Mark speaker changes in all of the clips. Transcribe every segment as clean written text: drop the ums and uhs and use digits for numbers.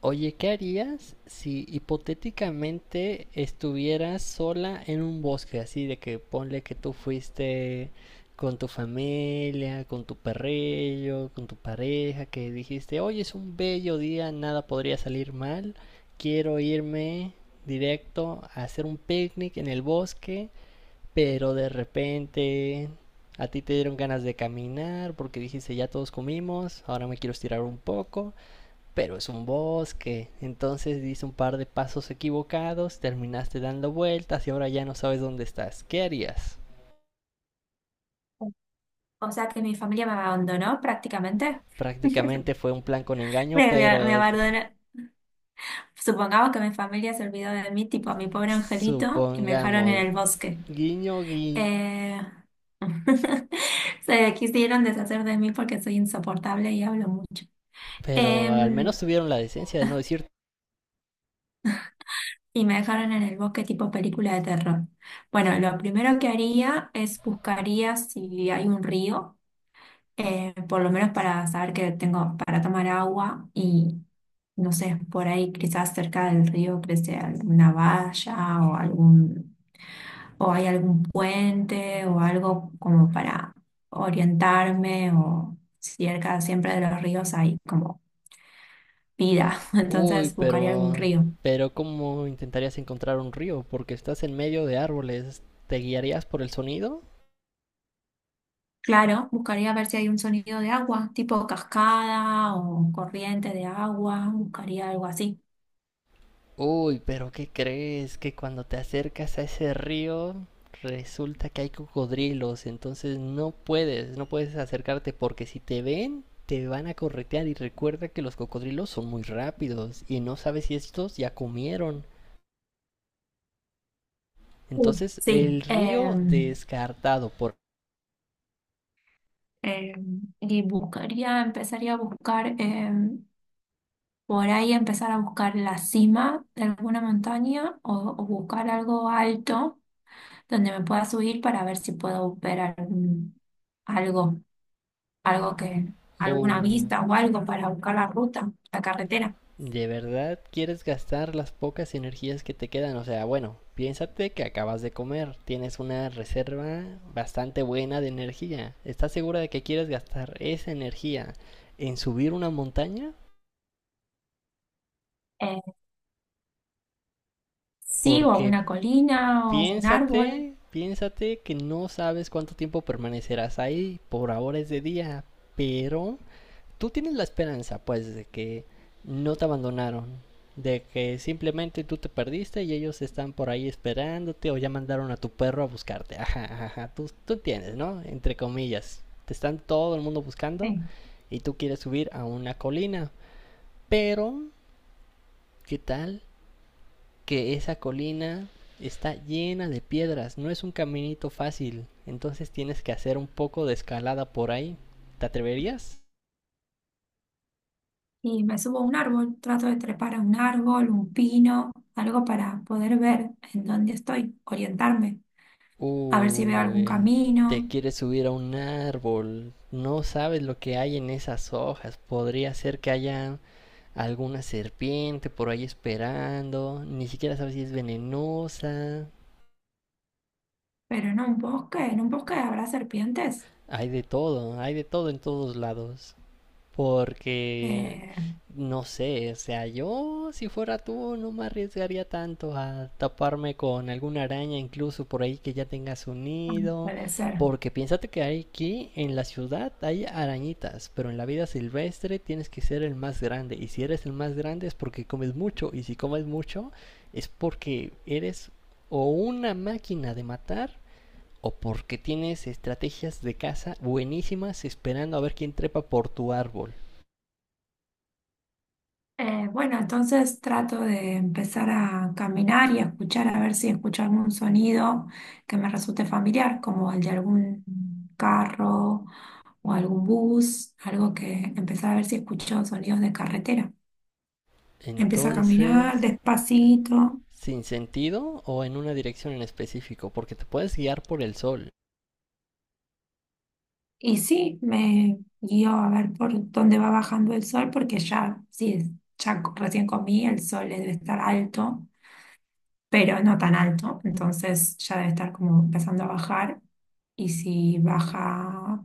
Speaker 1: Oye, ¿qué harías si hipotéticamente estuvieras sola en un bosque? Así de que ponle que tú fuiste con tu familia, con tu perrillo, con tu pareja, que dijiste, hoy es un bello día, nada podría salir mal, quiero irme directo a hacer un picnic en el bosque, pero de repente a ti te dieron ganas de caminar porque dijiste, ya todos comimos, ahora me quiero estirar un poco pero es un bosque. Entonces dice un par de pasos equivocados, terminaste dando vueltas y ahora ya no sabes dónde estás. ¿Qué harías?
Speaker 2: O sea que mi familia me abandonó prácticamente.
Speaker 1: Prácticamente fue un plan con engaño,
Speaker 2: Me
Speaker 1: pero
Speaker 2: abandonó. Supongamos que mi familia se olvidó de mí, tipo a mi pobre angelito, y me dejaron en
Speaker 1: supongamos,
Speaker 2: el bosque.
Speaker 1: guiño, guiño.
Speaker 2: Eh, Se quisieron deshacer de mí porque soy insoportable y hablo mucho.
Speaker 1: Pero al menos
Speaker 2: Em,
Speaker 1: tuvieron la decencia de no decir,
Speaker 2: y me dejaron en el bosque tipo película de terror. Bueno, lo primero que haría es buscaría si hay un río, por lo menos para saber que tengo para tomar agua y no sé, por ahí quizás cerca del río crece alguna valla o o hay algún puente o algo como para orientarme, o cerca siempre de los ríos hay como vida.
Speaker 1: uy,
Speaker 2: Entonces buscaría algún
Speaker 1: pero...
Speaker 2: río.
Speaker 1: Pero ¿cómo intentarías encontrar un río? Porque estás en medio de árboles. ¿Te guiarías por el sonido?
Speaker 2: Claro, buscaría ver si hay un sonido de agua, tipo cascada o corriente de agua, buscaría algo así.
Speaker 1: Uy, pero ¿qué crees? Que cuando te acercas a ese río resulta que hay cocodrilos, entonces no puedes, no puedes acercarte porque si te ven te van a corretear y recuerda que los cocodrilos son muy rápidos y no sabes si estos ya comieron.
Speaker 2: Sí,
Speaker 1: Entonces
Speaker 2: sí,
Speaker 1: el río descartado por...
Speaker 2: Eh, y buscaría, empezaría a buscar, por ahí empezar a buscar la cima de alguna montaña o buscar algo alto donde me pueda subir para ver si puedo ver algo, algo que, alguna
Speaker 1: Uy,
Speaker 2: vista o algo para buscar la ruta, la carretera.
Speaker 1: ¿de verdad quieres gastar las pocas energías que te quedan? O sea, bueno, piénsate que acabas de comer, tienes una reserva bastante buena de energía. ¿Estás segura de que quieres gastar esa energía en subir una montaña?
Speaker 2: Eh, sí, o
Speaker 1: Porque
Speaker 2: una colina o un árbol.
Speaker 1: piénsate, piénsate que no sabes cuánto tiempo permanecerás ahí. Por ahora es de día, pero tú tienes la esperanza, pues, de que no te abandonaron, de que simplemente tú te perdiste y ellos están por ahí esperándote o ya mandaron a tu perro a buscarte. Ajá, ajá, tú entiendes, ¿no? Entre comillas. Te están todo el mundo buscando
Speaker 2: Sí.
Speaker 1: y tú quieres subir a una colina. Pero, ¿qué tal que esa colina está llena de piedras? No es un caminito fácil. Entonces tienes que hacer un poco de escalada por ahí. ¿Te atreverías?
Speaker 2: Y me subo a un árbol, trato de trepar a un árbol, un pino, algo para poder ver en dónde estoy, orientarme. A ver si veo algún
Speaker 1: Uy, te
Speaker 2: camino,
Speaker 1: quieres subir a un árbol. No sabes lo que hay en esas hojas. Podría ser que haya alguna serpiente por ahí esperando. Ni siquiera sabes si es venenosa.
Speaker 2: pero en un bosque habrá serpientes.
Speaker 1: Hay de todo en todos lados. Porque,
Speaker 2: Eh,
Speaker 1: no sé, o sea, yo si fuera tú no me arriesgaría tanto a taparme con alguna araña, incluso por ahí que ya tengas un
Speaker 2: ah,
Speaker 1: nido.
Speaker 2: puede ser.
Speaker 1: Porque piénsate que hay aquí en la ciudad hay arañitas, pero en la vida silvestre tienes que ser el más grande. Y si eres el más grande es porque comes mucho. Y si comes mucho es porque eres o una máquina de matar o porque tienes estrategias de caza buenísimas esperando a ver quién trepa por tu árbol.
Speaker 2: Bueno, entonces trato de empezar a caminar y a escuchar, a ver si escucho algún sonido que me resulte familiar, como el de algún carro o algún bus, algo que empezar a ver si escucho sonidos de carretera. Empiezo a caminar
Speaker 1: Entonces,
Speaker 2: despacito.
Speaker 1: ¿sin sentido o en una dirección en específico? Porque te puedes guiar por el sol.
Speaker 2: Y sí, me guío a ver por dónde va bajando el sol, porque ya, sí, recién comí, el sol debe estar alto, pero no tan alto, entonces ya debe estar como empezando a bajar. Y si baja,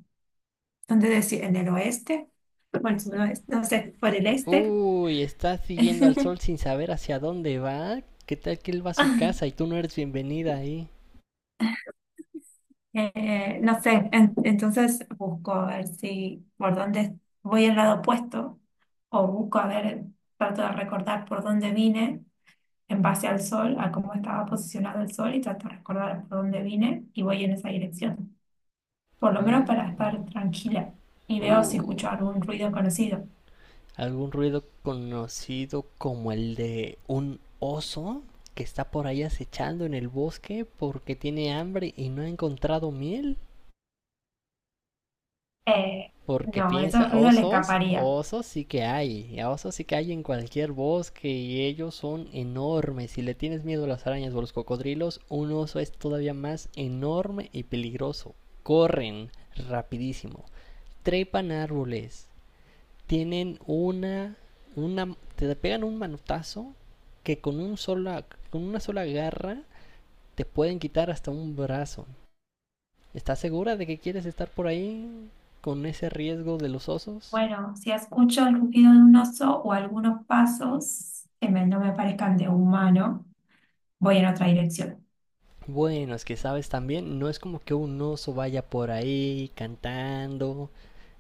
Speaker 2: ¿dónde decir? ¿En el oeste? Bueno, sudoeste, no sé, por el este.
Speaker 1: Uy, estás siguiendo al sol sin saber hacia dónde va. ¿Qué tal que él va a su casa y tú no eres bienvenida ahí?
Speaker 2: No sé, entonces busco a ver si por dónde voy al lado opuesto o busco a ver, trato de recordar por dónde vine en base al sol, a cómo estaba posicionado el sol y trato de recordar por dónde vine y voy en esa dirección, por lo menos para
Speaker 1: Mm,
Speaker 2: estar tranquila y veo si
Speaker 1: uh,
Speaker 2: escucho algún ruido conocido.
Speaker 1: algún ruido conocido como el de un oso que está por ahí acechando en el bosque porque tiene hambre y no ha encontrado miel.
Speaker 2: Eh,
Speaker 1: Porque
Speaker 2: no, esos
Speaker 1: piensa,
Speaker 2: ruidos le
Speaker 1: osos,
Speaker 2: escaparía.
Speaker 1: osos sí que hay, osos sí que hay en cualquier bosque y ellos son enormes. Si le tienes miedo a las arañas o a los cocodrilos, un oso es todavía más enorme y peligroso. Corren rapidísimo, trepan árboles, tienen una te pegan un manotazo que con un sola, con una sola garra te pueden quitar hasta un brazo. ¿Estás segura de que quieres estar por ahí con ese riesgo de los osos?
Speaker 2: Bueno, si escucho el ruido de un oso o algunos pasos no me parezcan de humano, voy en otra dirección.
Speaker 1: Bueno, es que sabes también, no es como que un oso vaya por ahí cantando,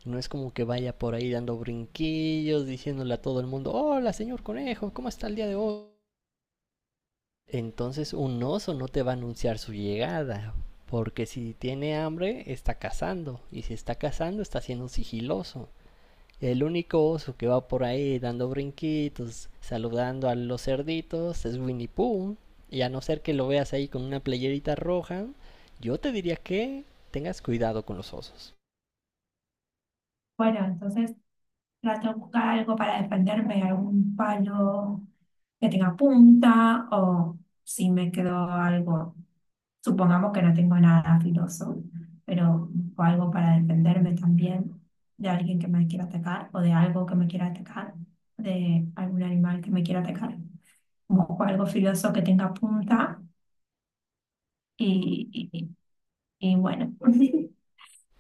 Speaker 1: no es como que vaya por ahí dando brinquillos, diciéndole a todo el mundo, hola señor conejo, ¿cómo está el día de hoy? Entonces un oso no te va a anunciar su llegada, porque si tiene hambre está cazando, y si está cazando está siendo sigiloso. El único oso que va por ahí dando brinquitos, saludando a los cerditos, es Winnie Pooh. Y a no ser que lo veas ahí con una playerita roja, yo te diría que tengas cuidado con los osos.
Speaker 2: Bueno, entonces trato de buscar algo para defenderme, algún palo que tenga punta o si me quedó algo, supongamos que no tengo nada filoso, pero busco algo para defenderme también de alguien que me quiera atacar o de algo que me quiera atacar, de algún animal que me quiera atacar. Busco algo filoso que tenga punta y, y, y bueno,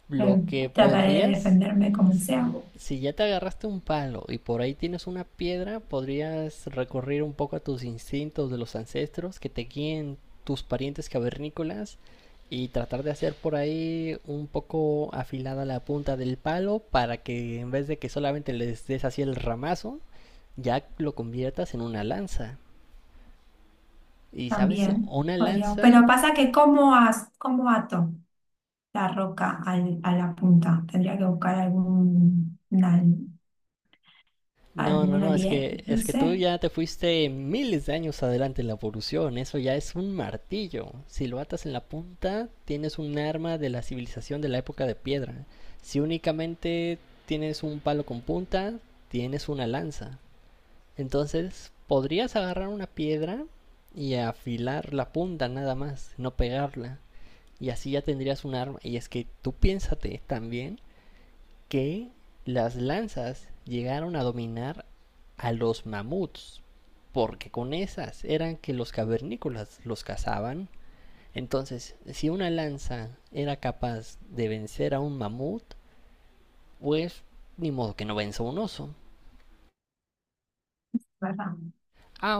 Speaker 1: Lo
Speaker 2: eh,
Speaker 1: que
Speaker 2: trataré de
Speaker 1: podrías,
Speaker 2: defenderme como sea.
Speaker 1: si ya te agarraste un palo y por ahí tienes una piedra, podrías recurrir un poco a tus instintos de los ancestros que te guíen tus parientes cavernícolas y tratar de hacer por ahí un poco afilada la punta del palo para que en vez de que solamente les des así el ramazo, ya lo conviertas en una lanza. Y sabes,
Speaker 2: También
Speaker 1: una
Speaker 2: podría, pero
Speaker 1: lanza
Speaker 2: pasa que cómo, cómo ato la roca a la punta. Tendría que buscar
Speaker 1: no, no,
Speaker 2: algún
Speaker 1: no, es
Speaker 2: alien,
Speaker 1: que,
Speaker 2: no
Speaker 1: es que tú
Speaker 2: sé,
Speaker 1: ya te fuiste miles de años adelante en la evolución, eso ya es un martillo. Si lo atas en la punta, tienes un arma de la civilización de la época de piedra. Si únicamente tienes un palo con punta, tienes una lanza. Entonces, podrías agarrar una piedra y afilar la punta nada más, no pegarla. Y así ya tendrías un arma. Y es que tú piénsate también que las lanzas llegaron a dominar a los mamuts. Porque con esas eran que los cavernícolas los cazaban. Entonces, si una lanza era capaz de vencer a un mamut, pues ni modo que no venza a un oso.
Speaker 2: ¿verdad?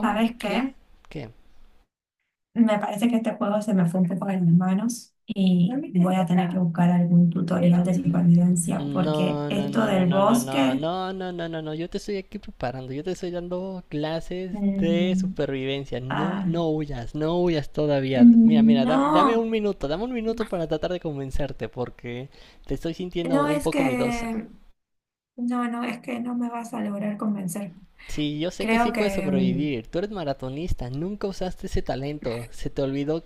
Speaker 2: ¿Sabes qué?
Speaker 1: ¿qué?
Speaker 2: Me parece que este juego se me fue un poco de mis manos y voy a tener que buscar algún tutorial de supervivencia porque
Speaker 1: No, no,
Speaker 2: esto
Speaker 1: no, no,
Speaker 2: del
Speaker 1: no, no, no,
Speaker 2: bosque,
Speaker 1: no, no, no, no, no, yo te estoy aquí preparando, yo te estoy dando clases de
Speaker 2: mm,
Speaker 1: supervivencia, no,
Speaker 2: ah,
Speaker 1: no huyas, no huyas todavía. Mira, mira,
Speaker 2: no,
Speaker 1: dame un minuto para tratar de convencerte, porque te estoy sintiendo
Speaker 2: no
Speaker 1: un
Speaker 2: es
Speaker 1: poco miedosa.
Speaker 2: que, no, no, es que no me vas a lograr convencer.
Speaker 1: Sí, yo sé que
Speaker 2: Creo
Speaker 1: sí puedes
Speaker 2: que,
Speaker 1: sobrevivir, tú eres maratonista, nunca usaste ese talento, se te olvidó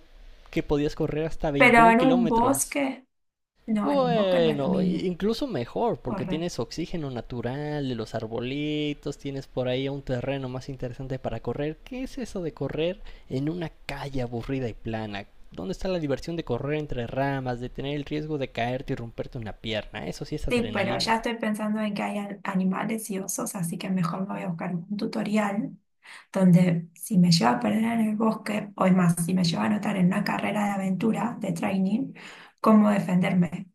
Speaker 1: que podías correr hasta
Speaker 2: pero
Speaker 1: 21
Speaker 2: en un
Speaker 1: kilómetros.
Speaker 2: bosque, no, en un bosque no es lo
Speaker 1: Bueno,
Speaker 2: mismo,
Speaker 1: incluso mejor, porque
Speaker 2: correr.
Speaker 1: tienes oxígeno natural de los arbolitos, tienes por ahí un terreno más interesante para correr. ¿Qué es eso de correr en una calle aburrida y plana? ¿Dónde está la diversión de correr entre ramas, de tener el riesgo de caerte y romperte una pierna? Eso sí es
Speaker 2: Sí, pero
Speaker 1: adrenalina.
Speaker 2: ya estoy pensando en que hay animales y osos, así que mejor me voy a buscar un tutorial donde si me lleva a perder en el bosque, o es más, si me lleva a anotar en una carrera de aventura, de training, cómo defenderme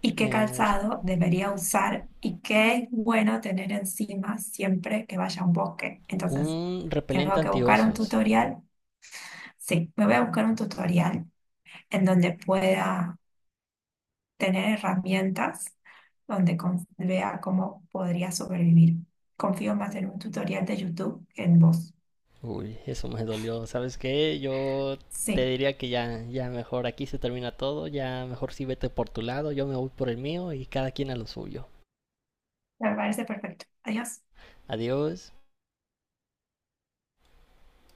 Speaker 2: y qué
Speaker 1: Eh,
Speaker 2: calzado debería usar y qué es bueno tener encima siempre que vaya a un bosque. Entonces,
Speaker 1: un
Speaker 2: tengo
Speaker 1: repelente
Speaker 2: que buscar un
Speaker 1: antiosos.
Speaker 2: tutorial. Sí, me voy a buscar un tutorial en donde pueda tener herramientas, donde vea cómo podría sobrevivir. Confío más en un tutorial de YouTube que en vos.
Speaker 1: Uy, eso me dolió. ¿Sabes qué? Yo te
Speaker 2: Sí,
Speaker 1: diría que ya, ya mejor aquí se termina todo, ya mejor sí vete por tu lado, yo me voy por el mío y cada quien a lo suyo.
Speaker 2: me parece perfecto. Adiós.
Speaker 1: Adiós.